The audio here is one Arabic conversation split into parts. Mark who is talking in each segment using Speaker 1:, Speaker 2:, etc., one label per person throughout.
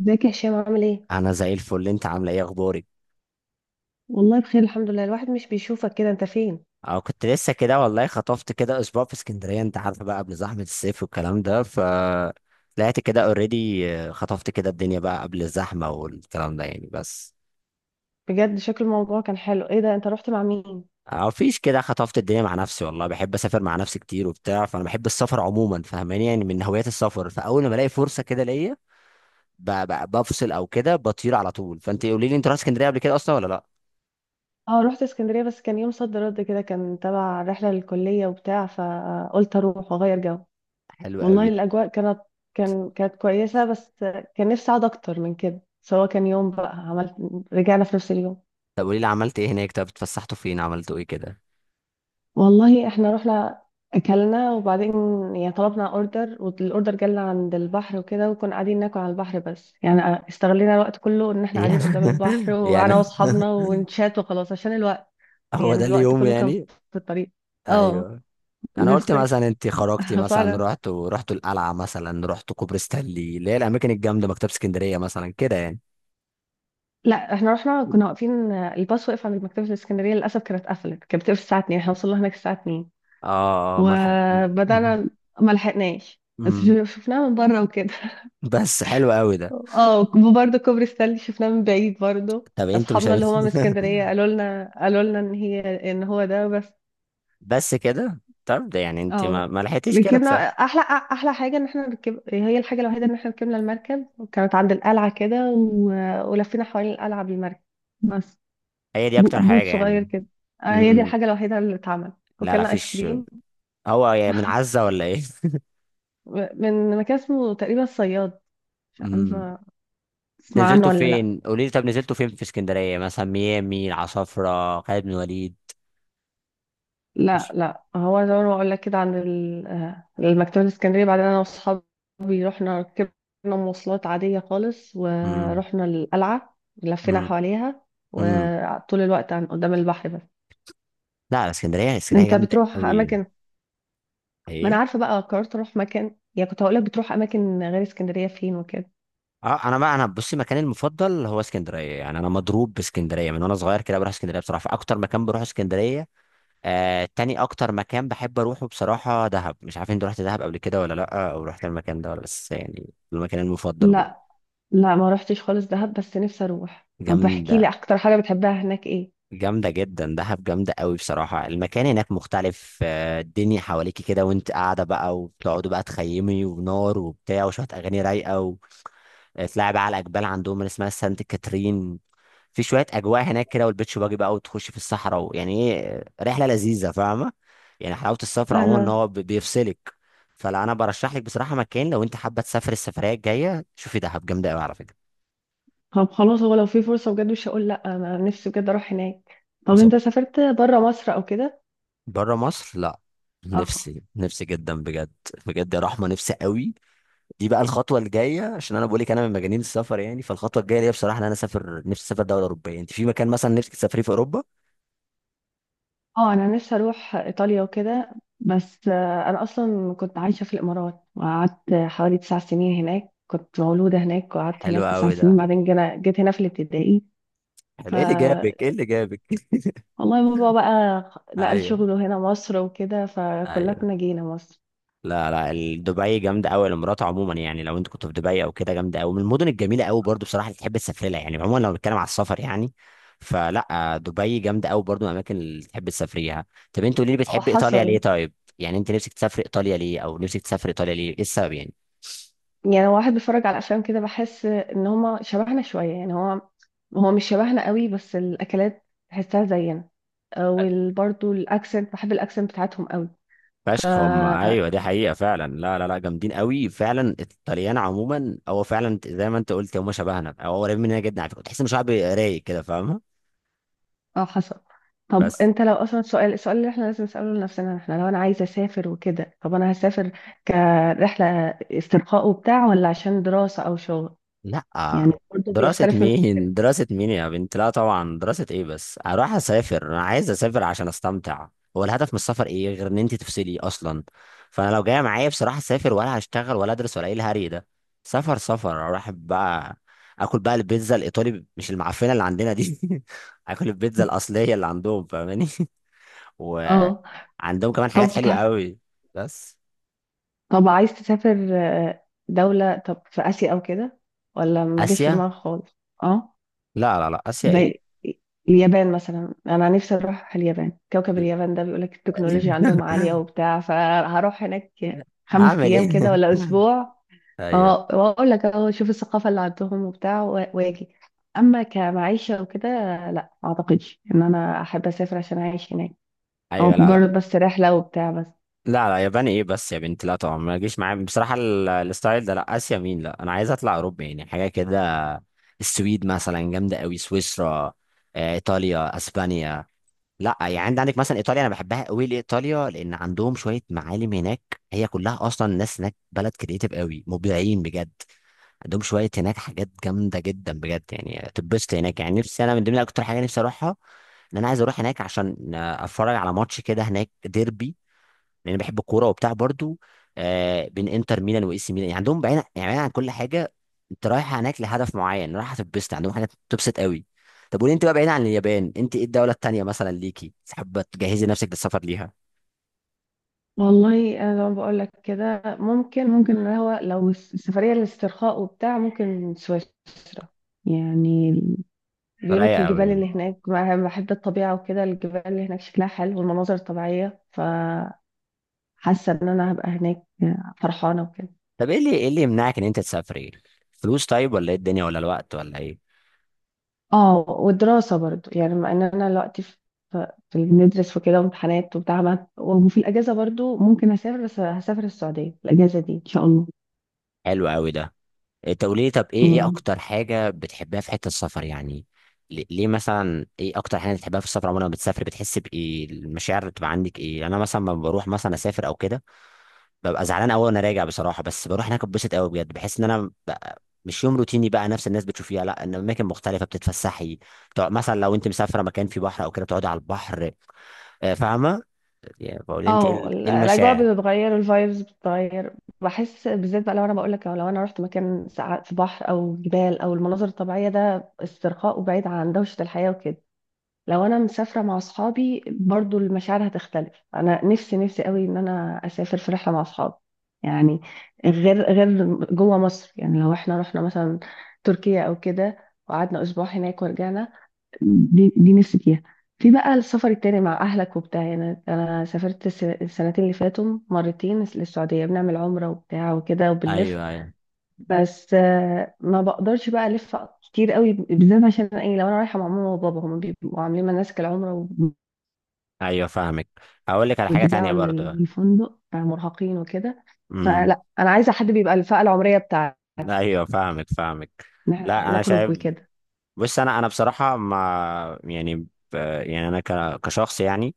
Speaker 1: ازيك يا هشام عامل ايه؟
Speaker 2: انا زي الفل، انت عامله ايه؟ اخبارك؟
Speaker 1: والله بخير، الحمد لله. الواحد مش بيشوفك كده، انت فين؟
Speaker 2: اه، كنت لسه كده والله، خطفت كده اسبوع في اسكندريه. انت عارفه بقى قبل زحمه الصيف والكلام ده. ف طلعت كده اوريدي. خطفت كده الدنيا بقى قبل الزحمه والكلام ده يعني بس.
Speaker 1: بجد شكل الموضوع كان حلو. ايه ده، انت رحت مع مين؟
Speaker 2: اه فيش كده، خطفت الدنيا مع نفسي والله. بحب اسافر مع نفسي كتير وبتاع، فانا بحب السفر عموما، فاهماني يعني؟ من هوايات السفر. فاول ما الاقي فرصه كده ليا، بفصل او كده، بطير على طول. فانت قولي لي، انت رحت اسكندريه قبل كده اصلا ولا لا؟
Speaker 1: اه، رحت اسكندرية بس كان يوم صد رد كده، كان تبع رحلة للكلية وبتاع، فقلت اروح واغير جو.
Speaker 2: حلو
Speaker 1: والله
Speaker 2: قوي.
Speaker 1: الاجواء كانت، كانت كويسة بس كان نفسي اقعد اكتر من كده. سواء كان يوم بقى، عملت، رجعنا في نفس اليوم.
Speaker 2: طب قولي لي، عملت ايه هناك؟ طب اتفسحتوا فين؟ عملتوا ايه كده؟
Speaker 1: والله احنا رحنا اكلنا وبعدين يعني طلبنا اوردر، والاوردر جالنا عند البحر وكده، وكنا قاعدين ناكل على البحر. بس يعني استغلينا الوقت كله ان احنا قاعدين قدام البحر،
Speaker 2: يعني
Speaker 1: وانا
Speaker 2: يعني
Speaker 1: واصحابنا ونشات وخلاص عشان الوقت.
Speaker 2: هو
Speaker 1: يعني
Speaker 2: ده
Speaker 1: الوقت
Speaker 2: اليوم
Speaker 1: كله كان في
Speaker 2: يعني؟
Speaker 1: الطريق. اه
Speaker 2: ايوه. انا قلت
Speaker 1: بس.
Speaker 2: مثلا انت خرجتي مثلا،
Speaker 1: فعلا.
Speaker 2: رحت ورحت القلعه مثلا، رحت كوبري ستانلي، اللي هي الاماكن الجامده، مكتبه اسكندريه مثلا كده يعني.
Speaker 1: لا احنا رحنا، كنا واقفين الباص واقف عند مكتبة الاسكندرية، للاسف كانت قفلت، كانت بتقفل الساعة 2 احنا وصلنا هناك الساعة 2
Speaker 2: اه ملحق.
Speaker 1: وبدأنا. ما لحقناش بس شفناها من بره وكده.
Speaker 2: بس حلو قوي ده.
Speaker 1: اه، وبرضه كوبري ستانلي شفناه من بعيد برضه.
Speaker 2: طب انت مش
Speaker 1: اصحابنا
Speaker 2: هم...
Speaker 1: اللي هما من اسكندريه قالوا لنا ان هي، ان هو ده بس.
Speaker 2: بس كده؟ طب ده يعني انت ما,
Speaker 1: اه
Speaker 2: ما لحقتيش كده
Speaker 1: ركبنا،
Speaker 2: تسأل؟
Speaker 1: احلى حاجه ان احنا ركب، هي الحاجه الوحيده ان احنا ركبنا المركب، وكانت عند القلعه كده ولفينا حوالين القلعه بالمركب. بس
Speaker 2: هي دي
Speaker 1: ب-
Speaker 2: اكتر
Speaker 1: بوت
Speaker 2: حاجه
Speaker 1: صغير
Speaker 2: يعني؟
Speaker 1: كده. آه، هي دي
Speaker 2: امم.
Speaker 1: الحاجه الوحيده اللي اتعملت.
Speaker 2: لا
Speaker 1: وكلنا ايس
Speaker 2: فيش.
Speaker 1: كريم.
Speaker 2: هو يعني من عزه ولا ايه؟
Speaker 1: من مكان اسمه تقريبا الصياد، مش
Speaker 2: امم.
Speaker 1: عارفه تسمع عنه
Speaker 2: نزلتوا
Speaker 1: ولا لا.
Speaker 2: فين قولي لي؟ طب نزلتوا فين في اسكندريه؟ مثلا ميامي، العصافره، خالد بن وليد؟
Speaker 1: لا هو زي ما بقول لك كده عند المكتبة الإسكندرية، بعدين أنا وأصحابي رحنا، ركبنا مواصلات عادية خالص
Speaker 2: امم.
Speaker 1: ورحنا القلعة، لفينا
Speaker 2: امم.
Speaker 1: حواليها
Speaker 2: امم.
Speaker 1: وطول الوقت عن قدام البحر بس.
Speaker 2: لا، اسكندريه اسكندريه
Speaker 1: أنت
Speaker 2: جامده
Speaker 1: بتروح
Speaker 2: قوي.
Speaker 1: أماكن؟ ما أنا
Speaker 2: ايه؟
Speaker 1: عارفة بقى قررت أروح مكان، يعني كنت هقولك بتروح أماكن غير اسكندرية فين وكده.
Speaker 2: اه انا بقى، انا بصي، مكاني المفضل هو اسكندريه. يعني انا مضروب باسكندريه من وانا صغير كده، بروح اسكندريه بصراحه، فاكتر مكان بروح اسكندريه. آه تاني اكتر مكان بحب اروحه بصراحه دهب. مش عارف انت رحت دهب قبل كده ولا لا، او رحت المكان ده ولا؟ بس يعني المكان المفضل برضه.
Speaker 1: لا لا ما رحتش خالص دهب بس نفسي أروح. طب احكي
Speaker 2: جامده،
Speaker 1: لي أكتر حاجة بتحبها هناك إيه؟
Speaker 2: جامدة جدا دهب، جامدة قوي بصراحة. المكان هناك مختلف، آه، الدنيا حواليكي كده وانت قاعدة بقى، وبتقعدوا بقى تخيمي ونار وبتاع وشوية أغاني رايقة، وتلاعب بقى على الأجبال عندهم اللي اسمها سانت كاترين. في شوية أجواء هناك كده، والبيتش باجي بقى، وتخش في الصحراء، ويعني إيه، رحلة لذيذة، فاهمة يعني؟ حلاوة السفر عموما إن
Speaker 1: أنا،
Speaker 2: هو بيفصلك. فلا، أنا برشح لك بصراحة مكان لو انت حابة تسافر السفرية الجاية، شوفي دهب جامدة قوي على فكرة.
Speaker 1: طب خلاص، هو لو في فرصة بجد مش هقول لأ، أنا نفسي بجد أروح هناك. طب أنت سافرت برا مصر أو كده؟
Speaker 2: بره مصر لا.
Speaker 1: اه،
Speaker 2: نفسي، نفسي جدا بجد. بجد يا رحمه، نفسي قوي. دي بقى الخطوه الجايه، عشان انا بقول لك انا من مجانين السفر يعني. فالخطوه الجايه ليا بصراحه ان انا اسافر، نفسي اسافر دوله اوروبيه. انت في مكان مثلا نفسك تسافريه في اوروبا؟
Speaker 1: اه أنا نفسي أروح إيطاليا وكده، بس آه، أنا أصلا كنت عايشة في الإمارات وقعدت حوالي تسع سنين هناك، كنت مولودة هناك وقعدت
Speaker 2: حلو
Speaker 1: هناك تسع
Speaker 2: قوي
Speaker 1: سنين،
Speaker 2: ده.
Speaker 1: بعدين جيت هنا في الابتدائي. ف
Speaker 2: حلو، ايه اللي جابك؟ ايه اللي جابك؟
Speaker 1: والله بابا بقى نقل
Speaker 2: ايوه.
Speaker 1: شغله هنا مصر وكده فكلنا
Speaker 2: ايوه.
Speaker 1: جينا مصر.
Speaker 2: لا لا، دبي جامده قوي، الامارات عموما يعني. لو انت كنت في دبي او كده، جامده قوي، من المدن الجميله قوي برضو بصراحه، اللي تحب تسافر لها يعني عموما لو بنتكلم على السفر يعني. فلا، آه، دبي جامده قوي برضو، من الاماكن اللي تحب تسافريها. طب انت قولي لي، بتحب ايطاليا ليه
Speaker 1: وحصل
Speaker 2: طيب؟ يعني انت نفسك تسافر ايطاليا ليه، او نفسك تسافر ايطاليا ليه؟ ايه السبب يعني؟
Speaker 1: يعني لو واحد بيتفرج على افلام كده بحس ان هما شبهنا شويه، يعني هو مش شبهنا قوي بس الاكلات تحسها زينا، وبرضه الاكسنت، بحب الاكسنت بتاعتهم قوي. ف
Speaker 2: فشخ هم، ايوه دي حقيقه فعلا. لا، جامدين قوي فعلا الطليان عموما. هو فعلا زي ما انت قلت، هم شبهنا او قريبين مننا جدا على فكره. تحس ان شعب رايق كده، فاهمه.
Speaker 1: اه حصل. طب
Speaker 2: بس.
Speaker 1: انت لو اصلا السؤال، اللي احنا لازم نساله لنفسنا، احنا لو انا عايزه اسافر وكده، طب انا هسافر كرحله استرخاء وبتاع، ولا عشان دراسه او شغل؟
Speaker 2: لا
Speaker 1: يعني برضه
Speaker 2: دراسة
Speaker 1: بيختلف من مكان
Speaker 2: مين،
Speaker 1: لمكان.
Speaker 2: دراسة مين يا بنت؟ لا طبعا دراسة ايه بس؟ اروح اسافر انا عايز اسافر عشان استمتع. هو الهدف من السفر ايه غير ان انت تفصلي اصلا؟ فانا لو جاية معايا بصراحة، اسافر ولا هشتغل ولا ادرس ولا ايه الهري ده؟ سفر سفر، اروح بقى اكل بقى البيتزا الايطالي، مش المعفنة اللي عندنا دي. اكل البيتزا الاصلية اللي عندهم، فاهماني؟
Speaker 1: اه،
Speaker 2: وعندهم كمان حاجات
Speaker 1: طب
Speaker 2: حلوة
Speaker 1: بتاع،
Speaker 2: قوي. بس.
Speaker 1: طب عايز تسافر آه، دولة طب في آسيا أو كده، ولا ما جاش في
Speaker 2: اسيا؟
Speaker 1: دماغك خالص؟ اه،
Speaker 2: لا اسيا ايه؟
Speaker 1: زي اليابان مثلا. أنا نفسي أروح اليابان، كوكب اليابان ده، بيقولك التكنولوجيا عندهم عالية وبتاع، فهروح هناك خمس
Speaker 2: هعمل
Speaker 1: أيام كده
Speaker 2: ايه؟
Speaker 1: ولا أسبوع
Speaker 2: ايوه.
Speaker 1: اه، وأقول لك أهو شوف الثقافة اللي عندهم وبتاع وأجي. أما كمعيشة وكده، لا ما أعتقدش إن أنا أحب أسافر عشان أعيش هناك، هو
Speaker 2: ايوه. لا لا
Speaker 1: مجرد بس رحلة وبتاع بس.
Speaker 2: لا لا ياباني ايه بس يا بنت؟ لا طبعا، ما تجيش معايا بصراحه الستايل ده. لا اسيا مين؟ لا انا عايز اطلع اوروبا، يعني حاجه كده. السويد مثلا جامده قوي، سويسرا، آه، ايطاليا، اسبانيا. لا يعني عندك مثلا ايطاليا، انا بحبها قوي لايطاليا لان عندهم شويه معالم هناك. هي كلها اصلا الناس هناك بلد كريتيف قوي، مبدعين بجد. عندهم شويه هناك حاجات جامده جدا بجد، يعني تتبسط هناك يعني. نفسي انا من ضمن اكتر حاجه نفسي اروحها، ان انا عايز اروح هناك عشان آه، اتفرج على ماتش كده هناك، ديربي يعني. بحب الكوره وبتاع برضو. آه بين انتر ميلان واي سي ميلان. يعني عندهم بعيد، يعني بعيد عن كل حاجه. انت رايح هناك لهدف معين، رايح هتتبسط عندهم، حاجه تبسط قوي. طب قولي انت بقى، بعيد عن اليابان، انت ايه الدوله التانيه مثلا ليكي حابه تجهزي نفسك للسفر ليها؟
Speaker 1: والله انا زي ما بقول لك كده ممكن، اللي هو لو السفريه للاسترخاء وبتاع، ممكن سويسرا. يعني
Speaker 2: ده
Speaker 1: بيقول لك
Speaker 2: رايق قوي
Speaker 1: الجبال
Speaker 2: يعني.
Speaker 1: اللي هناك بقى، بحب الطبيعه وكده، الجبال اللي هناك شكلها حلو والمناظر الطبيعيه، فحاسه ان انا هبقى هناك فرحانه وكده.
Speaker 2: طب ايه اللي، ايه اللي يمنعك ان انت تسافري؟ فلوس طيب؟ ولا ايه الدنيا؟ ولا الوقت ولا ايه؟
Speaker 1: اه والدراسه برضو، يعني مع ان انا دلوقتي في، في بندرس وكده وامتحانات وبتاع، وفي الاجازه برضو ممكن اسافر، بس هسافر السعوديه الاجازه دي ان شاء الله.
Speaker 2: حلو قوي ده. انت قولي لي طب، ايه، ايه
Speaker 1: آه.
Speaker 2: اكتر حاجه بتحبها في حته السفر يعني؟ ليه مثلا، ايه اكتر حاجه بتحبها في السفر عموما؟ لما بتسافر بتحس بايه؟ المشاعر اللي بتبقى عندك ايه؟ يعني انا مثلا لما بروح مثلا اسافر او كده، ببقى زعلان قوي وانا راجع بصراحه، بس بروح هناك اتبسط قوي بجد. بحس ان انا بقى مش يوم روتيني بقى، نفس الناس بتشوفيها، لا ان اماكن مختلفه بتتفسحي، بتقعد مثلا لو انت مسافره مكان فيه بحر او كده بتقعدي على البحر، آه، فاهمه يعني؟ بقول انت ايه
Speaker 1: اه،
Speaker 2: ايه
Speaker 1: الاجواء
Speaker 2: المشاعر؟
Speaker 1: بتتغير، الفايبز بتتغير. بحس بالذات بقى، لو انا بقول لك، لو انا رحت مكان ساعات في بحر او جبال او المناظر الطبيعيه، ده استرخاء وبعيد عن دوشه الحياه وكده. لو انا مسافره مع اصحابي برضو المشاعر هتختلف. انا نفسي، نفسي قوي ان انا اسافر في رحله مع اصحابي. يعني غير جوه مصر، يعني لو احنا رحنا مثلا تركيا او كده وقعدنا اسبوع هناك ورجعنا، دي نفسي فيها. في بقى السفر التاني مع أهلك وبتاع، يعني أنا سافرت السنتين اللي فاتوا مرتين للسعودية، بنعمل عمرة وبتاع وكده وبنلف،
Speaker 2: ايوه. ايوه.
Speaker 1: بس آه، ما بقدرش بقى ألف كتير قوي. بالذات عشان إيه، لو أنا رايحة مع ماما وبابا هما بيبقوا عاملين مناسك العمرة،
Speaker 2: ايوه فاهمك. هقول لك على حاجه
Speaker 1: وبيرجعوا
Speaker 2: تانية برضه.
Speaker 1: للفندق آه، مرهقين وكده.
Speaker 2: امم.
Speaker 1: فلا، أنا عايزة حد بيبقى الفئة العمرية بتاعتي
Speaker 2: ايوه فاهمك، فاهمك. لا انا
Speaker 1: نخرج
Speaker 2: شايف.
Speaker 1: وكده،
Speaker 2: بص انا، انا بصراحه ما يعني ب... يعني انا ك... كشخص يعني،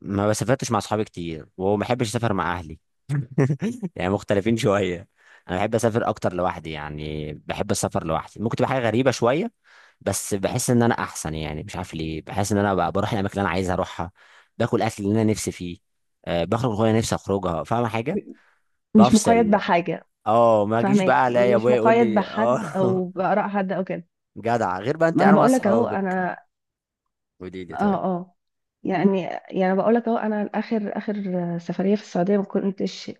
Speaker 2: ما بسافرتش مع اصحابي كتير، وما بحبش اسافر مع اهلي. يعني مختلفين شويه. انا بحب اسافر اكتر لوحدي، يعني بحب السفر لوحدي. ممكن تبقى حاجه غريبه شويه، بس بحس ان انا احسن. يعني مش عارف ليه، بحس ان انا بقى بروح الاماكن اللي انا عايز اروحها، باكل اكل اللي انا نفسي فيه، أه بخرج وانا نفسي اخرجها، فاهم حاجه؟
Speaker 1: مش مقيد
Speaker 2: بفصل.
Speaker 1: بحاجة.
Speaker 2: اه ما اجيش
Speaker 1: فاهمك،
Speaker 2: بقى الاقي
Speaker 1: مش
Speaker 2: ابويا يقول
Speaker 1: مقيد
Speaker 2: لي اه.
Speaker 1: بحد أو بآراء حد أو كده.
Speaker 2: جدع، غير بقى انت
Speaker 1: ما انا
Speaker 2: قاعد مع
Speaker 1: بقول لك اهو.
Speaker 2: اصحابك.
Speaker 1: انا
Speaker 2: قولي
Speaker 1: اه.
Speaker 2: لي طيب.
Speaker 1: اه يعني، يعني بقول لك اهو، انا اخر سفريه في السعوديه ما كنتش،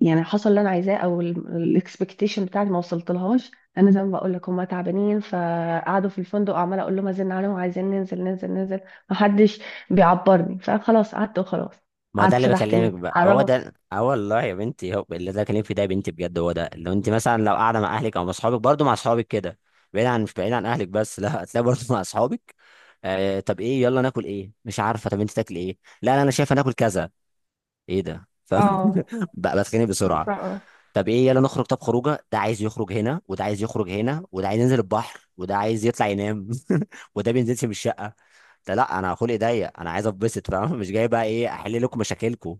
Speaker 1: يعني حصل اللي انا عايزاه، او الاكسبكتيشن بتاعتي ما وصلت لهاش. انا زي ما بقول لك هم تعبانين فقعدوا في الفندق، عماله اقول لهم ازن عليهم عايزين ننزل، ننزل ننزل، ما حدش بيعبرني، فخلاص قعدت وخلاص.
Speaker 2: ما هو ده
Speaker 1: قعدت
Speaker 2: اللي
Speaker 1: فتحت
Speaker 2: بكلمك
Speaker 1: النت
Speaker 2: بقى،
Speaker 1: على
Speaker 2: هو
Speaker 1: الرغم.
Speaker 2: ده، اه والله يا بنتي، هو اللي ده بكلمك في ده يا بنتي بجد. هو ده، لو انت مثلا لو قاعده مع اهلك او مع اصحابك برضه، مع اصحابك كده بعيد عن، مش بعيد عن اهلك بس، لا، هتلاقي برضه مع اصحابك. آه طب ايه، يلا ناكل ايه؟ مش عارفه، طب انت تاكل ايه؟ لا لا، انا شايفه ناكل كذا. ايه ده؟ فاهم؟
Speaker 1: اه
Speaker 2: بقى بتخانق
Speaker 1: ف-
Speaker 2: بسرعه. طب ايه، يلا نخرج. طب خروجه، ده عايز يخرج هنا، وده عايز يخرج هنا، وده عايز ينزل البحر، وده عايز يطلع ينام. وده بينزلش من الشقه. ده لا، انا خلقي ضيق، انا عايز اتبسط فاهم؟ مش جاي بقى ايه احل لكم مشاكلكم.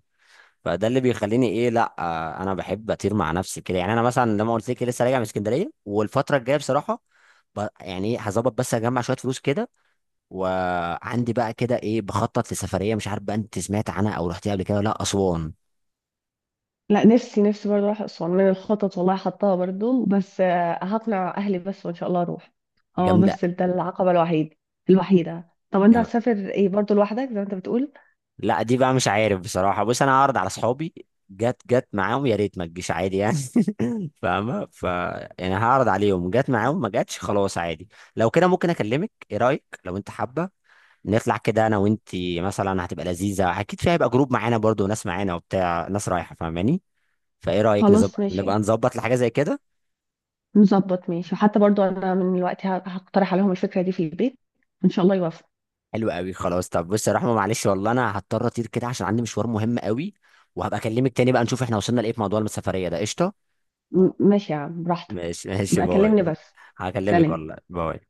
Speaker 2: فده اللي بيخليني ايه، لا آه، انا بحب اطير مع نفسي كده. يعني انا مثلا لما قلت لك لسه راجع من اسكندريه، والفتره الجايه بصراحه يعني ايه هظبط، بس اجمع شويه فلوس كده، وعندي بقى كده ايه، بخطط لسفريه. مش عارف بقى انت سمعت عنها او رحتيها قبل كده ولا لا، اسوان؟
Speaker 1: لا، نفسي، نفسي برضه اروح اسوان، من الخطط والله حطاها برضه، بس آه، هقنع اهلي بس وان شاء الله اروح. اه
Speaker 2: جامده.
Speaker 1: بس ده العقبه الوحيد، الوحيده. طب انت هتسافر ايه برضه لوحدك زي ما انت بتقول؟
Speaker 2: لا دي بقى مش عارف بصراحة. بص أنا هعرض على أصحابي، جت جت معاهم يا ريت، ما تجيش عادي يعني. فاهمة؟ ف يعني هعرض عليهم، جت معاهم، ما جاتش خلاص عادي. لو كده، ممكن أكلمك، إيه رأيك لو أنت حابة نطلع كده أنا وأنتي مثلا؟ هتبقى لذيذة أكيد فيها، هيبقى جروب معانا برضو، ناس معانا وبتاع، ناس رايحة فاهماني. فإيه رأيك
Speaker 1: خلاص
Speaker 2: نظبط،
Speaker 1: ماشي،
Speaker 2: نبقى نظبط لحاجة زي كده؟
Speaker 1: نظبط، ماشي. وحتى برضه انا من الوقت هقترح عليهم الفكره دي في البيت، وان شاء الله يوافقوا.
Speaker 2: حلو قوي، خلاص. طب بص يا رحمة معلش، والله أنا هضطر أطير كده عشان عندي مشوار مهم قوي. وهبقى أكلمك تاني بقى نشوف إحنا وصلنا لإيه في موضوع السفرية ده، قشطة؟
Speaker 1: ماشي يا عم براحتك.
Speaker 2: ماشي ماشي،
Speaker 1: بقى
Speaker 2: باي.
Speaker 1: كلمني بس.
Speaker 2: هكلمك
Speaker 1: سلام.
Speaker 2: والله، باي.